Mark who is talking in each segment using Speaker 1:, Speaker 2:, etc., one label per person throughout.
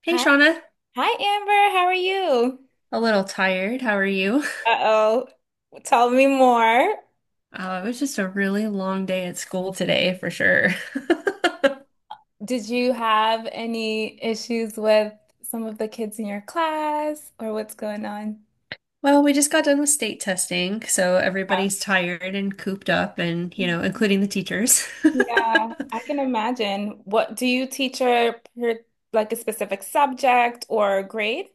Speaker 1: Hey,
Speaker 2: Hi,
Speaker 1: Shauna.
Speaker 2: hi Amber, how are you?
Speaker 1: A little tired. How are you?
Speaker 2: Uh-oh, tell me more.
Speaker 1: It was just a really long day at school today, for sure.
Speaker 2: Did you have any issues with some of the kids in your class or what's going on?
Speaker 1: Well, we just got done with state testing, so everybody's tired and cooped up, and, you know,
Speaker 2: Yeah,
Speaker 1: including the teachers.
Speaker 2: Yeah, I can imagine. What do you teach her per- like a specific subject or grade?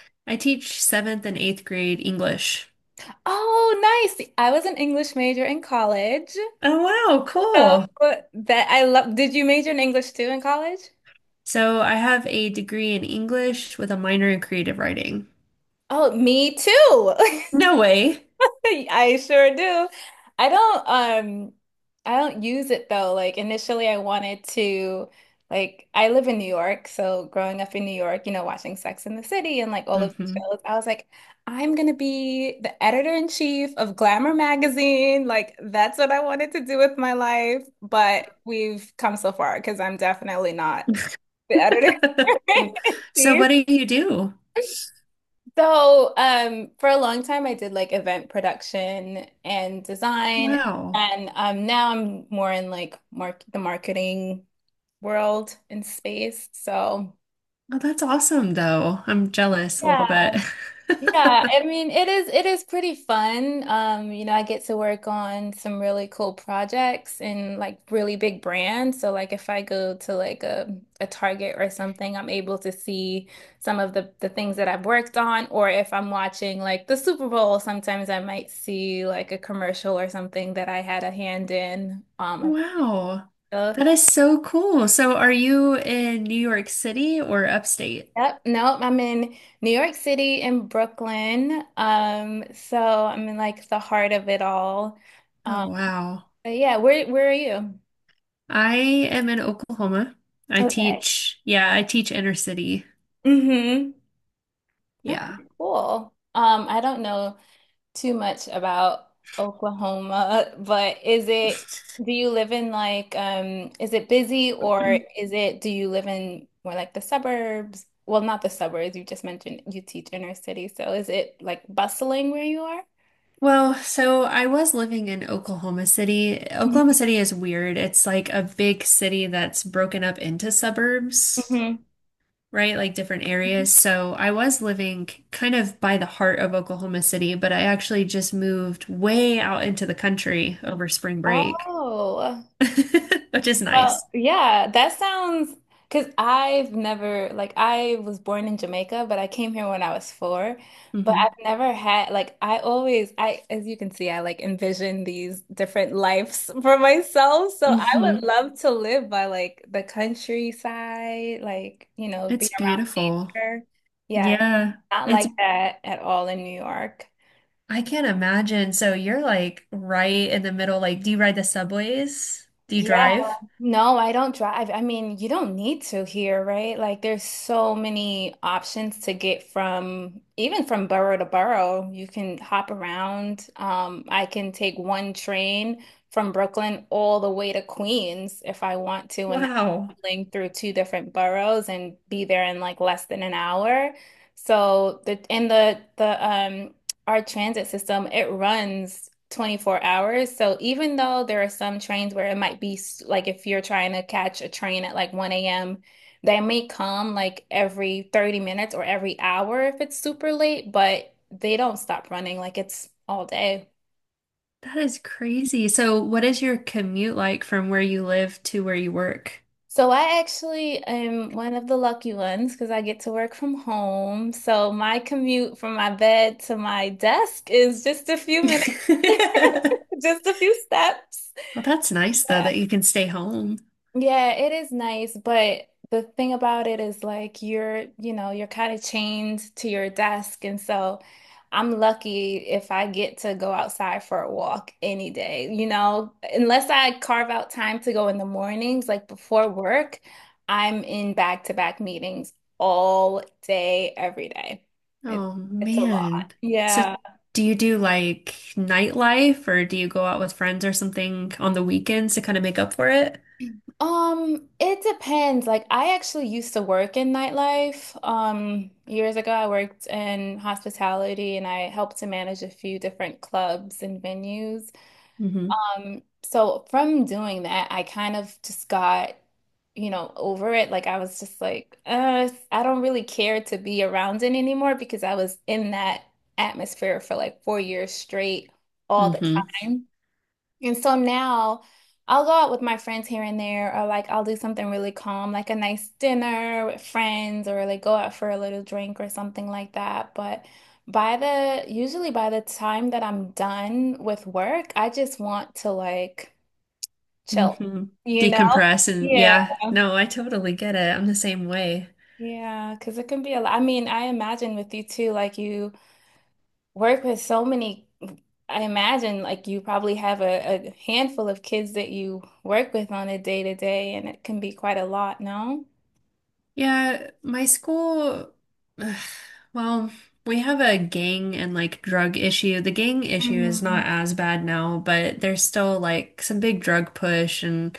Speaker 1: I teach seventh and eighth grade English.
Speaker 2: Oh, nice. I was an English major in college.
Speaker 1: Oh, wow,
Speaker 2: So
Speaker 1: cool.
Speaker 2: that I love. Did you major in English too in college?
Speaker 1: So I have a degree in English with a minor in creative writing.
Speaker 2: Oh, me too.
Speaker 1: No way.
Speaker 2: I sure do. I don't um I don't use it though. Like initially I wanted to, like, I live in New York, so growing up in New York, you know, watching Sex and the City and like all of these
Speaker 1: Hmm.
Speaker 2: shows, I was like, I'm gonna be the editor in chief of Glamour magazine. Like that's what I wanted to do with my life, but we've come so far because I'm definitely not the editor in
Speaker 1: So
Speaker 2: chief.
Speaker 1: what do you do?
Speaker 2: So, for a long time, I did like event production and design,
Speaker 1: Wow.
Speaker 2: and now I'm more in like mark the marketing world and space. So,
Speaker 1: Oh, that's awesome, though. I'm jealous a
Speaker 2: yeah.
Speaker 1: little bit.
Speaker 2: Yeah, I mean, it is pretty fun. You know, I get to work on some really cool projects and like really big brands. So like if I go to like a Target or something, I'm able to see some of the things that I've worked on. Or if I'm watching like the Super Bowl, sometimes I might see like a commercial or something that I had a hand in.
Speaker 1: Wow.
Speaker 2: So,
Speaker 1: That is so cool. So, are you in New York City or upstate?
Speaker 2: yep, nope, I'm in New York City and Brooklyn. So I'm in like the heart of it all.
Speaker 1: Oh, wow.
Speaker 2: But yeah, where are you?
Speaker 1: I am in Oklahoma. I
Speaker 2: Okay.
Speaker 1: teach, yeah, I teach inner city.
Speaker 2: Mm-hmm.
Speaker 1: Yeah.
Speaker 2: Okay, cool. I don't know too much about Oklahoma, but is it do you live in like is it busy, or is it do you live in more like the suburbs? Well, not the suburbs, you just mentioned you teach inner city, so is it like bustling where you are?
Speaker 1: Well, so I was living in Oklahoma City. Oklahoma
Speaker 2: Mhm.
Speaker 1: City is weird. It's like a big city that's broken up into suburbs.
Speaker 2: Mhm.
Speaker 1: Right? Like different areas. So I was living kind of by the heart of Oklahoma City, but I actually just moved way out into the country over spring break,
Speaker 2: Oh,
Speaker 1: which is
Speaker 2: well,
Speaker 1: nice.
Speaker 2: yeah, that sounds because I've never, like, I was born in Jamaica, but I came here when I was four. But
Speaker 1: Hmm.
Speaker 2: I've never had, like, I as you can see, I like envision these different lives for myself. So I would
Speaker 1: Hmm.
Speaker 2: love to live by like the countryside, like, you know, be
Speaker 1: It's
Speaker 2: around
Speaker 1: beautiful.
Speaker 2: her. Yeah, it's
Speaker 1: Yeah.
Speaker 2: not
Speaker 1: It's,
Speaker 2: like that at all in New York.
Speaker 1: I can't imagine. So you're like right in the middle. Like, do you ride the subways? Do you
Speaker 2: Yeah,
Speaker 1: drive?
Speaker 2: no, I don't drive. I mean, you don't need to here, right? Like there's so many options to get from even from borough to borough. You can hop around. I can take one train from Brooklyn all the way to Queens if I want to, and that's
Speaker 1: Wow.
Speaker 2: traveling through two different boroughs and be there in like less than an hour. So the and the the our transit system, it runs 24 hours. So even though there are some trains where it might be like if you're trying to catch a train at like 1 a.m., they may come like every 30 minutes or every hour if it's super late, but they don't stop running, like, it's all day.
Speaker 1: That is crazy. So, what is your commute like from where you live to where you work?
Speaker 2: So I actually am one of the lucky ones because I get to work from home. So my commute from my bed to my desk is just a few minutes, just a few steps.
Speaker 1: Well, that's nice though that you can stay home.
Speaker 2: Yeah, it is nice, but the thing about it is like you're, you know, you're kind of chained to your desk. And so I'm lucky if I get to go outside for a walk any day, you know, unless I carve out time to go in the mornings, like before work, I'm in back-to-back meetings all day, every day. It's
Speaker 1: Oh
Speaker 2: it's a lot.
Speaker 1: man. So
Speaker 2: Yeah.
Speaker 1: do you do like nightlife or do you go out with friends or something on the weekends to kind of make up for it?
Speaker 2: It depends. Like I actually used to work in nightlife. Years ago I worked in hospitality and I helped to manage a few different clubs and venues.
Speaker 1: Hmm.
Speaker 2: So from doing that, I kind of just got, you know, over it. Like I was just like, I don't really care to be around it anymore because I was in that atmosphere for like 4 years straight all the
Speaker 1: Hmm.
Speaker 2: time. And so now I'll go out with my friends here and there, or like I'll do something really calm, like a nice dinner with friends, or like go out for a little drink or something like that. But by the usually by the time that I'm done with work, I just want to like chill,
Speaker 1: Hmm.
Speaker 2: you know?
Speaker 1: Decompress and
Speaker 2: Yeah.
Speaker 1: yeah, no, I totally get it. I'm the same way.
Speaker 2: Yeah, because it can be a lot. I mean, I imagine with you too, like you work with so many, I imagine like you probably have a handful of kids that you work with on a day to day, and it can be quite a lot, no?
Speaker 1: Yeah, my school, ugh, well, we have a gang and like drug issue. The gang issue is
Speaker 2: Mm,
Speaker 1: not as bad now, but there's still like some big drug push and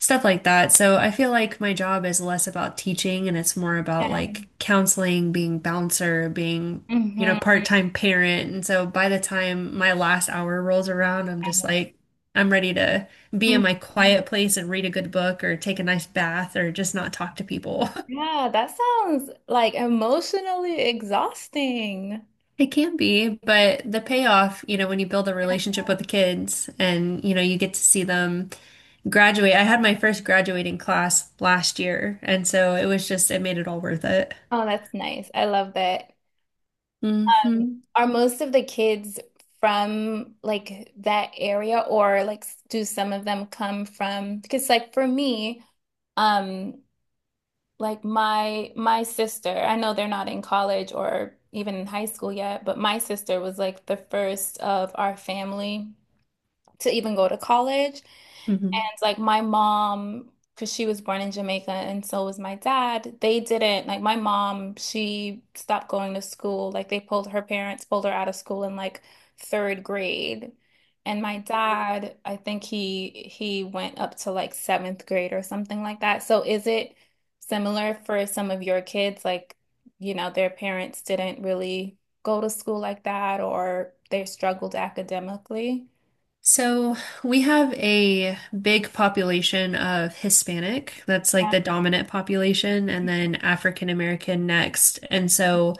Speaker 1: stuff like that. So I feel like my job is less about teaching and it's more about
Speaker 2: yeah.
Speaker 1: like counseling, being bouncer, being, you know,
Speaker 2: Hmm.
Speaker 1: part-time parent. And so by the time my last hour rolls around, I'm ready to be in my quiet place and read a good book or take a nice bath or just not talk to people.
Speaker 2: Yeah, that sounds like emotionally exhausting.
Speaker 1: It can be, but the payoff, you know, when you build a relationship with the kids and, you know, you get to see them graduate. I had my first graduating class last year, and so it made it all worth it.
Speaker 2: Oh, that's nice. I love that.
Speaker 1: Hmm.
Speaker 2: Are most of the kids from like that area, or like do some of them come from, because like for me, um like my sister, I know they're not in college or even in high school yet, but my sister was like the first of our family to even go to college.
Speaker 1: Hmm.
Speaker 2: And like my mom, because she was born in Jamaica and so was my dad, they didn't, like, my mom, she stopped going to school. Like they pulled her, parents pulled her out of school in like third grade. And my dad, I think he went up to like seventh grade or something like that. So is it similar for some of your kids? Like, you know, their parents didn't really go to school like that, or they struggled academically?
Speaker 1: So we have a big population of Hispanic. That's like
Speaker 2: Yeah.
Speaker 1: the dominant population, and then African American next. And so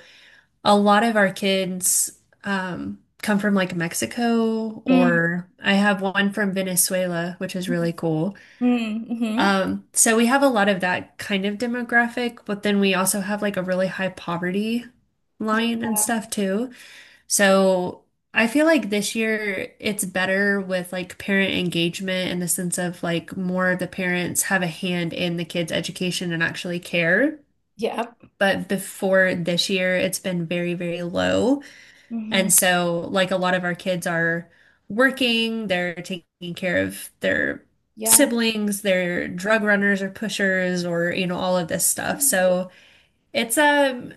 Speaker 1: a lot of our kids come from like Mexico,
Speaker 2: Mm,
Speaker 1: or I have one from Venezuela, which is really cool.
Speaker 2: mm, mhm.
Speaker 1: So we have a lot of that kind of demographic, but then we also have like a really high poverty
Speaker 2: Yeah.
Speaker 1: line and stuff too. So I feel like this year it's better with like parent engagement in the sense of like more of the parents have a hand in the kids' education and actually care.
Speaker 2: Yep.
Speaker 1: But before this year, it's been very, very low.
Speaker 2: Mhm.
Speaker 1: And so, like, a lot of our kids are working, they're taking care of their
Speaker 2: Yeah.
Speaker 1: siblings, they're drug runners or pushers, or, you know, all of this stuff.
Speaker 2: Mhm.
Speaker 1: So, it's a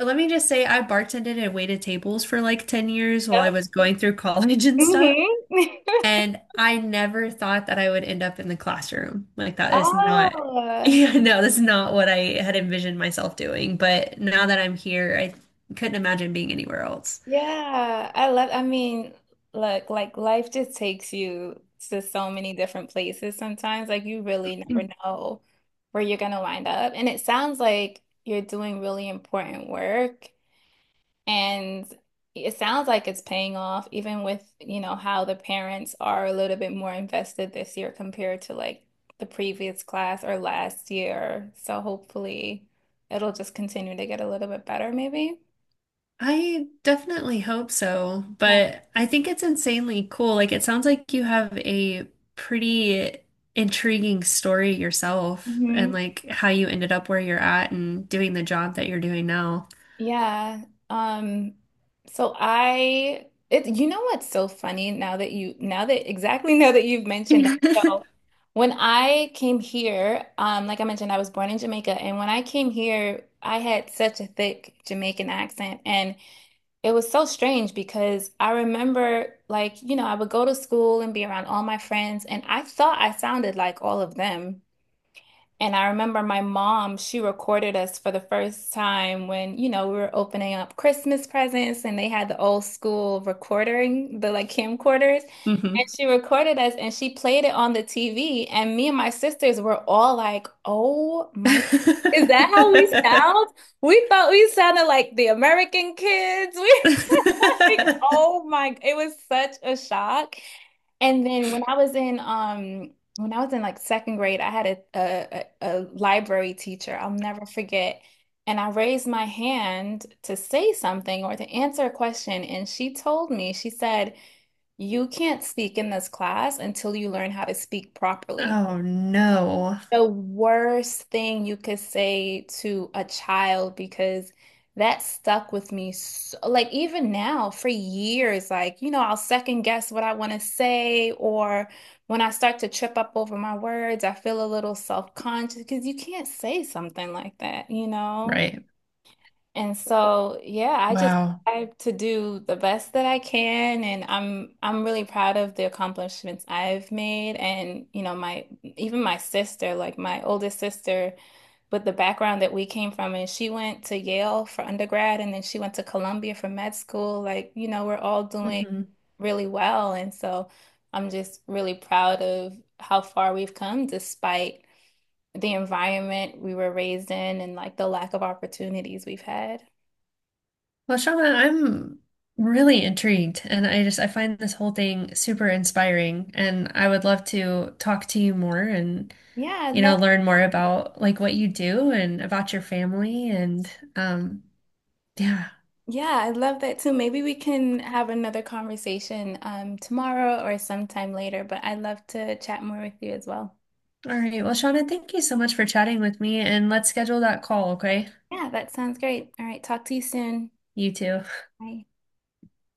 Speaker 1: let me just say, I bartended and waited tables for like 10 years while I
Speaker 2: Yep.
Speaker 1: was going through college and stuff.
Speaker 2: Mhm.
Speaker 1: And I never thought that I would end up in the classroom. Like, that is not,
Speaker 2: Oh,
Speaker 1: yeah, no, that's not what I had envisioned myself doing. But now that I'm here, I couldn't imagine being anywhere else.
Speaker 2: yeah. I love, I mean, look, like life just takes you to so many different places sometimes. Like you really never know where you're gonna wind up. And it sounds like you're doing really important work. And it sounds like it's paying off, even with, you know, how the parents are a little bit more invested this year compared to like the previous class or last year. So hopefully it'll just continue to get a little bit better, maybe.
Speaker 1: I definitely hope so,
Speaker 2: Yeah.
Speaker 1: but I think it's insanely cool. Like, it sounds like you have a pretty intriguing story yourself and like how you ended up where you're at and doing the job that you're doing now.
Speaker 2: Yeah. Um, so I it You know what's so funny, now that you, now that exactly, now that you've mentioned that.
Speaker 1: Hmm.
Speaker 2: So when I came here, like I mentioned, I was born in Jamaica, and when I came here, I had such a thick Jamaican accent, and it was so strange because I remember, like, you know, I would go to school and be around all my friends, and I thought I sounded like all of them. And I remember my mom, she recorded us for the first time when, you know, we were opening up Christmas presents and they had the old school recording, the like camcorders. And she recorded us and she played it on the TV. And me and my sisters were all like, oh my God, is that how we sound? We thought we sounded like the American kids. We were like, oh my, it was such a shock. And then when I was in like second grade, I had a library teacher. I'll never forget. And I raised my hand to say something or to answer a question, and she told me, she said, "You can't speak in this class until you learn how to speak properly."
Speaker 1: Oh no.
Speaker 2: The worst thing you could say to a child, because that stuck with me, so, like, even now for years, like, you know, I'll second guess what I want to say, or when I start to trip up over my words I feel a little self-conscious, because you can't say something like that, you know.
Speaker 1: Right.
Speaker 2: And so, yeah, I just
Speaker 1: Wow.
Speaker 2: try to do the best that I can, and I'm really proud of the accomplishments I've made. And you know, my, even my sister, like my oldest sister, with the background that we came from, and she went to Yale for undergrad, and then she went to Columbia for med school. Like, you know, we're all doing
Speaker 1: Mhm.
Speaker 2: really well, and so I'm just really proud of how far we've come, despite the environment we were raised in and like the lack of opportunities we've had.
Speaker 1: Well, Shauna, I'm really intrigued, and I just I find this whole thing super inspiring, and I would love to talk to you more and
Speaker 2: Yeah, I
Speaker 1: you
Speaker 2: love
Speaker 1: know learn more about like what you do and about your family and um yeah.
Speaker 2: yeah, I love that too. Maybe we can have another conversation tomorrow or sometime later, but I'd love to chat more with you as well.
Speaker 1: All right. Well, Shauna, thank you so much for chatting with me, and let's schedule that call, okay?
Speaker 2: Yeah, that sounds great. All right, talk to you soon.
Speaker 1: You too.
Speaker 2: Bye.